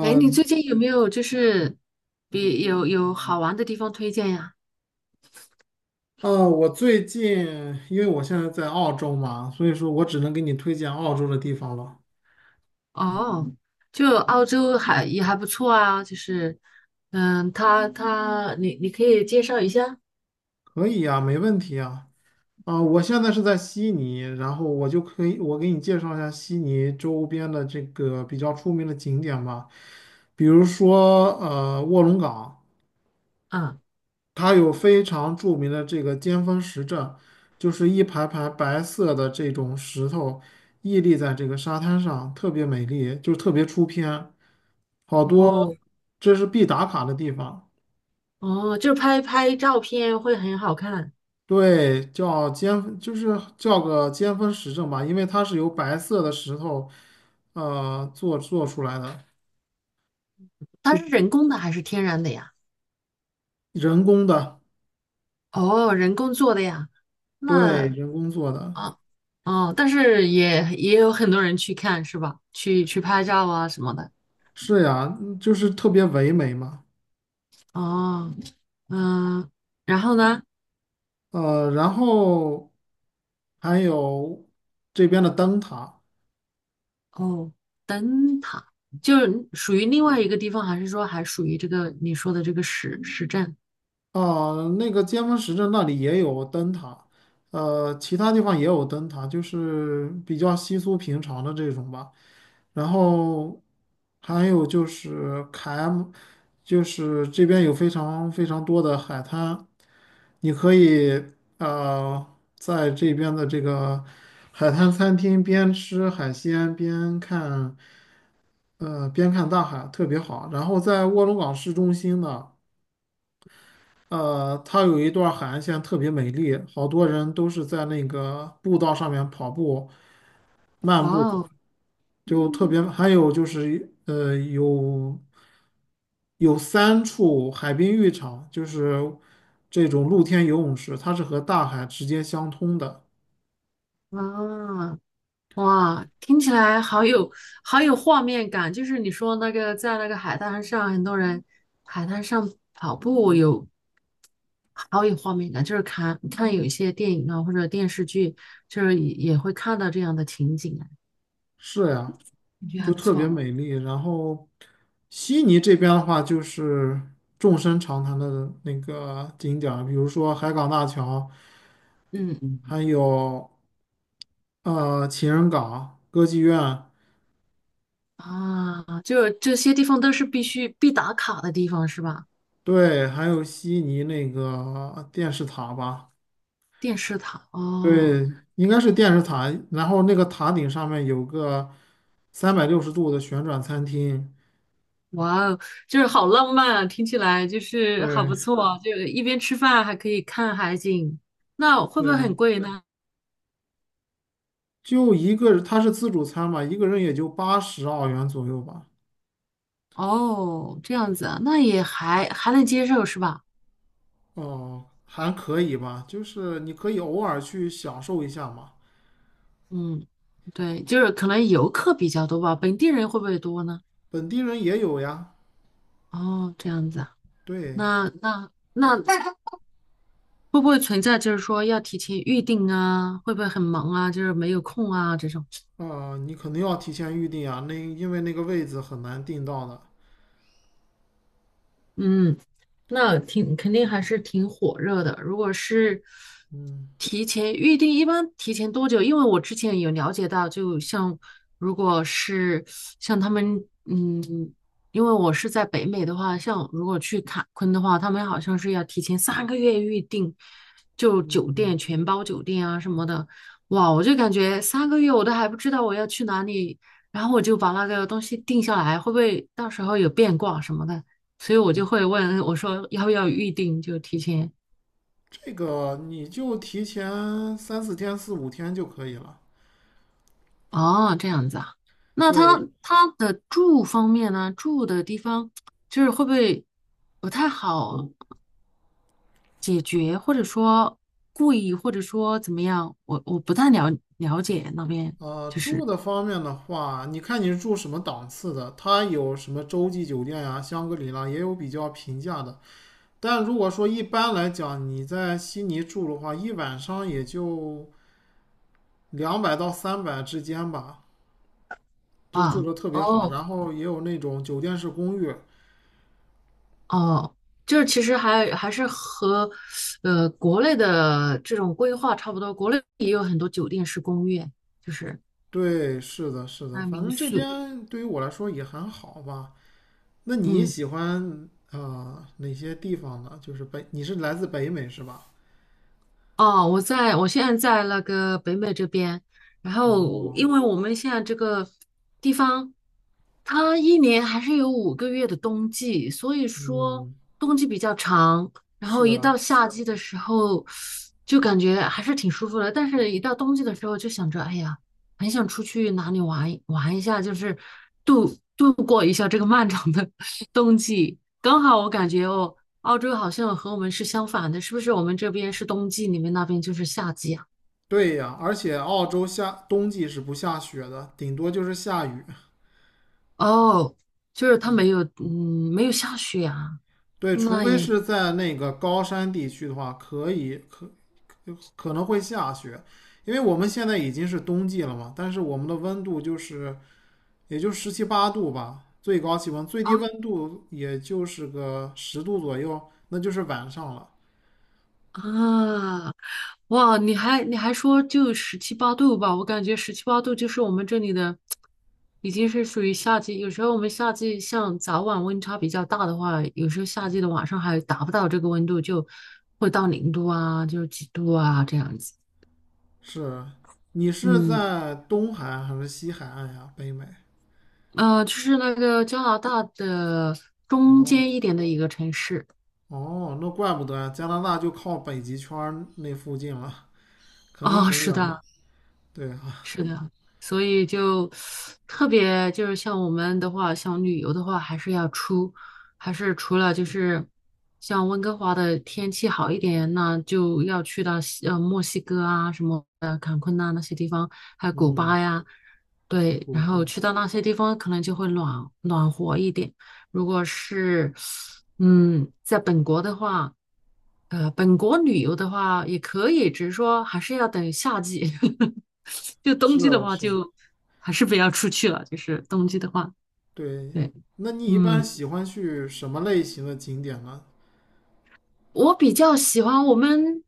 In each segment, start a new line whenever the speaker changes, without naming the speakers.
哎，你最近有没有就是比有好玩的地方推荐呀？
我最近因为我现在在澳洲嘛，所以说我只能给你推荐澳洲的地方了。
哦，就澳洲还也还不错啊，就是嗯，他你可以介绍一下
可以呀，没问题呀。啊，我现在是在悉尼，然后我就可以，我给你介绍一下悉尼周边的这个比较出名的景点吧，比如说卧龙岗，
啊？
它有非常著名的这个尖峰石阵，就是一排排白色的这种石头屹立在这个沙滩上，特别美丽，就是特别出片。好多
哦
这是必打卡的地方。
哦，就是拍拍照片会很好看，
对，叫尖，就是叫个尖峰石阵吧，因为它是由白色的石头，做出来的，
它是人工的还是天然的呀？
人工的，
哦，人工做的呀？
对，
那
人工做的，
啊哦，但是也有很多人去看是吧？去去拍照啊什么的。
是呀，嗯就是特别唯美嘛。
哦，嗯，然后呢？
然后还有这边的灯塔。
哦，灯塔就是属于另外一个地方，还是说还属于这个你说的这个市镇？
啊，那个尖峰石镇那里也有灯塔，其他地方也有灯塔，就是比较稀疏平常的这种吧。然后还有就是凯 M，就是这边有非常非常多的海滩，你可以呃在这边的这个海滩餐厅边吃海鲜边看，边看大海，特别好。然后在卧龙岗市中心呢。它有一段海岸线特别美丽，好多人都是在那个步道上面跑步、
哇
漫步的，
哦，
就特别。还有就是，有三处海滨浴场，就是这种露天游泳池，它是和大海直接相通的。
啊，哇，听起来好有好有画面感。就是你说那个在那个海滩上，很多人海滩上跑步有好有画面感，就是看看有一些电影啊或者电视剧，就是也会看到这样的情景啊，
是呀，
感觉还
就
不
特别
错。
美丽。然后，悉尼这边的话，就是众生长谈的那个景点儿比如说海港大桥，
嗯嗯
还有。情人港、歌剧院，
啊，就这些地方都是必打卡的地方是吧？
对，还有悉尼那个电视塔吧，
电视塔哦，
对，应该是电视塔。然后那个塔顶上面有个360度的旋转餐厅，
哇哦，就是好浪漫啊，听起来就是好
对，
不错啊，就一边吃饭还可以看海景，那会不
对
会很
啊，
贵呢？
就一个，它是自助餐嘛，一个人也就80澳元左右吧，
哦，这样子啊，那也还能接受是吧？
哦，还可以吧，就是你可以偶尔去享受一下嘛，
嗯，对，就是可能游客比较多吧，本地人会不会多呢？
本地人也有呀，
哦，这样子啊，
对，
那会不会存在就是说要提前预定啊？会不会很忙啊？就是没有空啊这种？
啊、你肯定要提前预定啊，那因为那个位子很难订到的。
嗯，那挺肯定还是挺火热的。如果是
嗯，
提前预定，一般提前多久？因为我之前有了解到，就像如果是像他们，嗯，因为我是在北美的话，像如果去坎昆的话，他们好像是要提前三个月预定，就酒店全包酒店啊什么的。哇，我就感觉三个月我都还不知道我要去哪里，然后我就把那个东西定下来，会不会到时候有变卦什么的？所以我就会问我说要不要预定，就提前。
这个你就提前三四天、四五天就可以了。
哦，这样子啊。那他
对，
他的住方面呢？住的地方就是会不会不太好解决，或者说贵，或者说怎么样？我不太了解那边，就
住
是
的方面的话，你看你是住什么档次的，它有什么洲际酒店呀、香格里拉，也有比较平价的。但如果说一般来讲，你在悉尼住的话，一晚上也就200到300之间吧，就住
啊，
的特别好。
哦，
然后也有那种酒店式公寓，
哦，就是其实还是和呃国内的这种规划差不多，国内也有很多酒店式公寓，就是
对，是的，是的，
还有
反
民
正这
宿。
边对于我来说也还好吧。那你
嗯。
喜欢啊、哪些地方呢？就是北，你是来自北美是吧？
哦，我在，我现在在那个北美这边，然后
哦，
因为我们现在这个地方，它一年还是有五个月的冬季，所以说
嗯，
冬季比较长，然后
是
一到
啊，
夏季的时候，就感觉还是挺舒服的，但是一到冬季的时候就想着，哎呀，很想出去哪里玩一下，就是度度过一下这个漫长的 冬季。刚好我感觉哦。澳洲好像和我们是相反的，是不是？我们这边是冬季，你们那边就是夏季啊？
对呀，而且澳洲夏冬季是不下雪的，顶多就是下雨。
哦，就是它没有，嗯，没有下雪啊。
对，除
那
非
也
是在那个高山地区的话，可以可可能会下雪，因为我们现在已经是冬季了嘛，但是我们的温度就是也就十七八度吧，最高气温，最低温度也就是个十度左右，那就是晚上了。
啊，哇，你还说就十七八度吧？我感觉十七八度就是我们这里的，已经是属于夏季。有时候我们夏季像早晚温差比较大的话，有时候夏季的晚上还达不到这个温度，就会到零度啊，就是几度啊这样子。
是啊，你是
嗯。
在东海岸还是西海岸呀？北美。
呃，就是那个加拿大的中间一点的一个城市
哦，那怪不得呀，加拿大就靠北极圈儿那附近了，肯定
啊，
很
是
冷。
的，
对啊，
是的，所以就特别就是像我们的话，想旅游的话，还是要出，还是除了就是像温哥华的天气好一点，那就要去到西呃墨西哥啊什么的坎昆呐、那些地方，还有古
嗯，
巴呀，对，
不
然后
放。
去到那些地方可能就会暖暖和一点。如果是嗯在本国的话，呃本国旅游的话也可以，只是说还是要等夏季。就冬
是
季的
啊
话
是啊，
就还是不要出去了，就是冬季的话，
对。
对，
那你一般
嗯。
喜欢去什么类型的景点呢？
我比较喜欢我们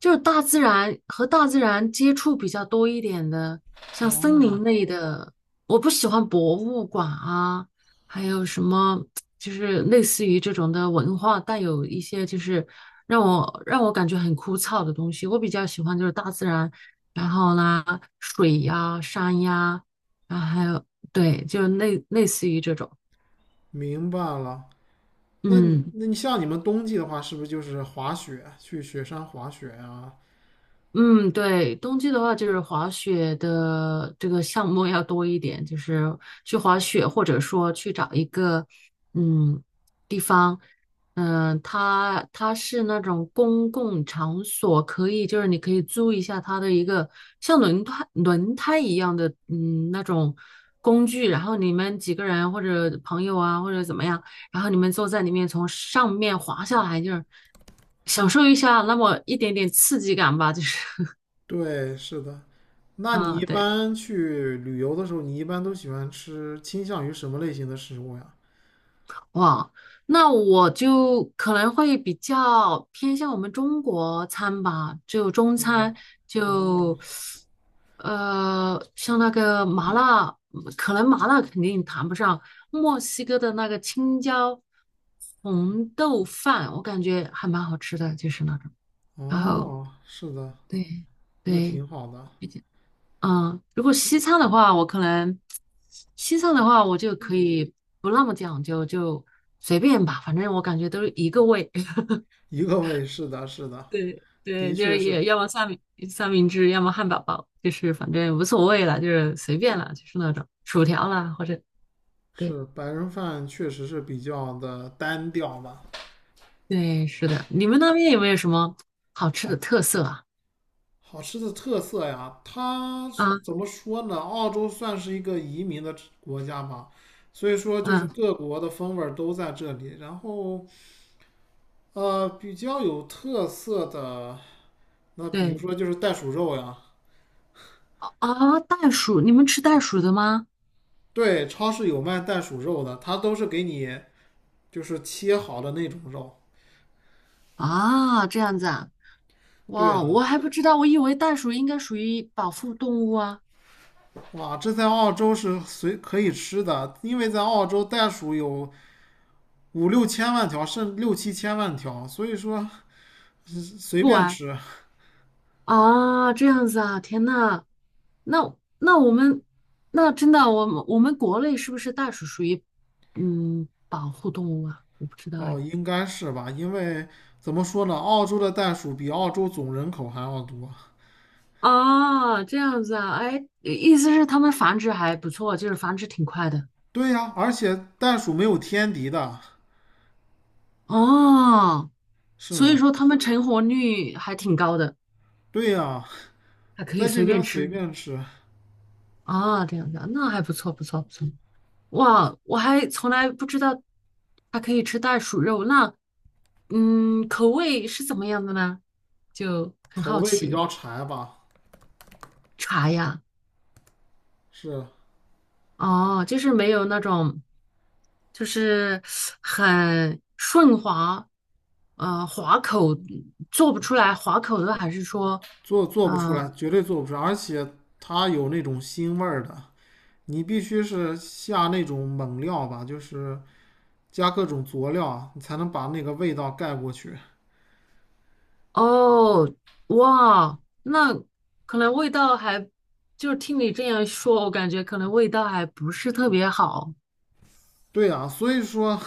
就是大自然和大自然接触比较多一点的，像森
哦，
林类的。我不喜欢博物馆啊，还有什么就是类似于这种的文化带有一些就是让我感觉很枯燥的东西。我比较喜欢就是大自然，然后呢，水呀、山呀，然后还有对，就类似于这种，
明白了。那你
嗯。
那你像你们冬季的话，是不是就是滑雪，去雪山滑雪啊？
嗯，对，冬季的话就是滑雪的这个项目要多一点，就是去滑雪，或者说去找一个嗯地方，嗯、它是那种公共场所，可以就是你可以租一下它的一个像轮胎一样的嗯那种工具，然后你们几个人或者朋友啊或者怎么样，然后你们坐在里面从上面滑下来，就是享受一下那么一点点刺激感吧，就是。
对，是的。那你
嗯，
一
对，
般去旅游的时候，你一般都喜欢吃倾向于什么类型的食物呀？
哇，那我就可能会比较偏向我们中国餐吧，就中餐，
哦
就呃，像那个麻辣，可能麻辣肯定谈不上，墨西哥的那个青椒红豆饭，我感觉还蛮好吃的，就是那种。然后
哦，是的，
对
那
对，
挺好的，
嗯，如果西餐的话，我可能西餐的话，我就可以不那么讲究，就随便吧，反正我感觉都是一个味。
一个味，是的，是的，
对
的
对，就
确
是
是
也要么三明治，要么汉堡包，就是反正无所谓了，就是随便了，就是那种薯条啦，或者对
是白人饭确实是比较的单调吧。
对，是的。你们那边有没有什么好吃的特色啊？
好吃的特色呀，它
啊
怎么说呢？澳洲算是一个移民的国家吧，所以说就是
啊，
各国的风味儿都在这里，然后比较有特色的。那比如
对
说就是袋鼠肉呀，
啊，袋鼠，你们吃袋鼠的吗？
对，超市有卖袋鼠肉的，它都是给你就是切好的那种肉。
啊，这样子啊。
对
哇，
呀，
我还不知道，我以为袋鼠应该属于保护动物啊。
哇，这在澳洲是随可以吃的，因为在澳洲袋鼠有五六千万条，甚至六七千万条，所以说随
不
便
玩，
吃。
啊，这样子啊，天呐，那那我们那真的，我们国内是不是袋鼠属于嗯保护动物啊？我不知道
哦，
哎。
应该是吧？因为怎么说呢，澳洲的袋鼠比澳洲总人口还要多。
啊，这样子啊，哎，意思是它们繁殖还不错，就是繁殖挺快的。
对呀，而且袋鼠没有天敌的。
哦，
是
所以
的，
说它们成活率还挺高的，
对呀，
还可以
在这
随便
边随
吃。
便吃。
啊，这样子啊，那还不错，不错，不错。哇，我还从来不知道它可以吃袋鼠肉，那嗯，口味是怎么样的呢？就很
口
好
味比较
奇。
柴吧，
茶呀，
是
哦，就是没有那种，就是很顺滑，呃，滑口做不出来滑口的，还是说，
做不出
嗯、
来，绝对做不出来，而且它有那种腥味儿的，你必须是下那种猛料吧，就是加各种佐料啊你才能把那个味道盖过去。
哦，哇，那可能味道还，就是听你这样说，我感觉可能味道还不是特别好。
对啊，所以说，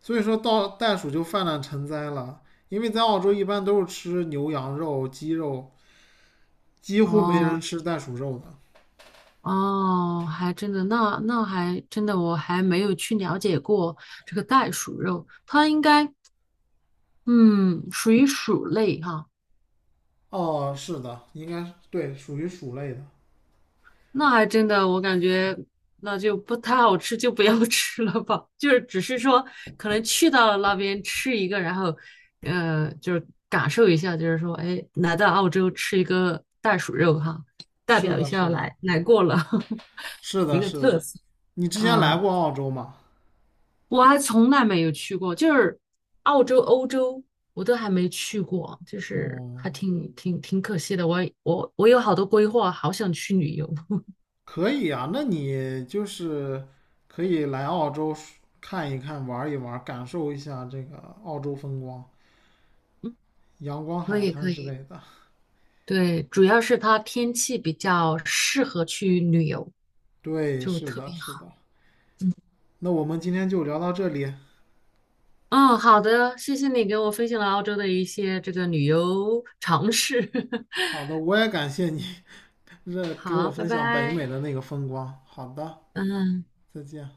所以说到袋鼠就泛滥成灾了，因为在澳洲一般都是吃牛羊肉、鸡肉，几乎没人
哦。
吃袋鼠肉的。
哦，还真的，那那还真的，我还没有去了解过这个袋鼠肉，它应该嗯属于鼠类哈、
哦，是的，应该是对，属于鼠类的。
那还真的，我感觉那就不太好吃，就不要 吃了吧。就是只是说可能去到了那边吃一个，然后呃就是感受一下，就是说哎来到澳洲吃一个袋鼠肉哈、代
是
表一
的，是
下
的，
来过了
是
一
的，
个
是
特
的。
色，
你之前来
嗯。
过澳洲吗？
我还从来没有去过，就是澳洲、欧洲我都还没去过，就是
哦，
还挺可惜的。我有好多规划，好想去旅游。
可以啊，那你就是可以来澳洲看一看、玩一玩，感受一下这个澳洲风光、阳光
可
海
以
滩
可
之
以，
类的。
对，主要是它天气比较适合去旅游，
对，
就
是
特
的，
别
是
好。
的。那我们今天就聊到这里。
嗯，好的，谢谢你给我分享了澳洲的一些这个旅游常识。
好的，我也感谢你 这给
好，
我
拜
分享北美
拜。
的那个风光。好的，
嗯。
再见。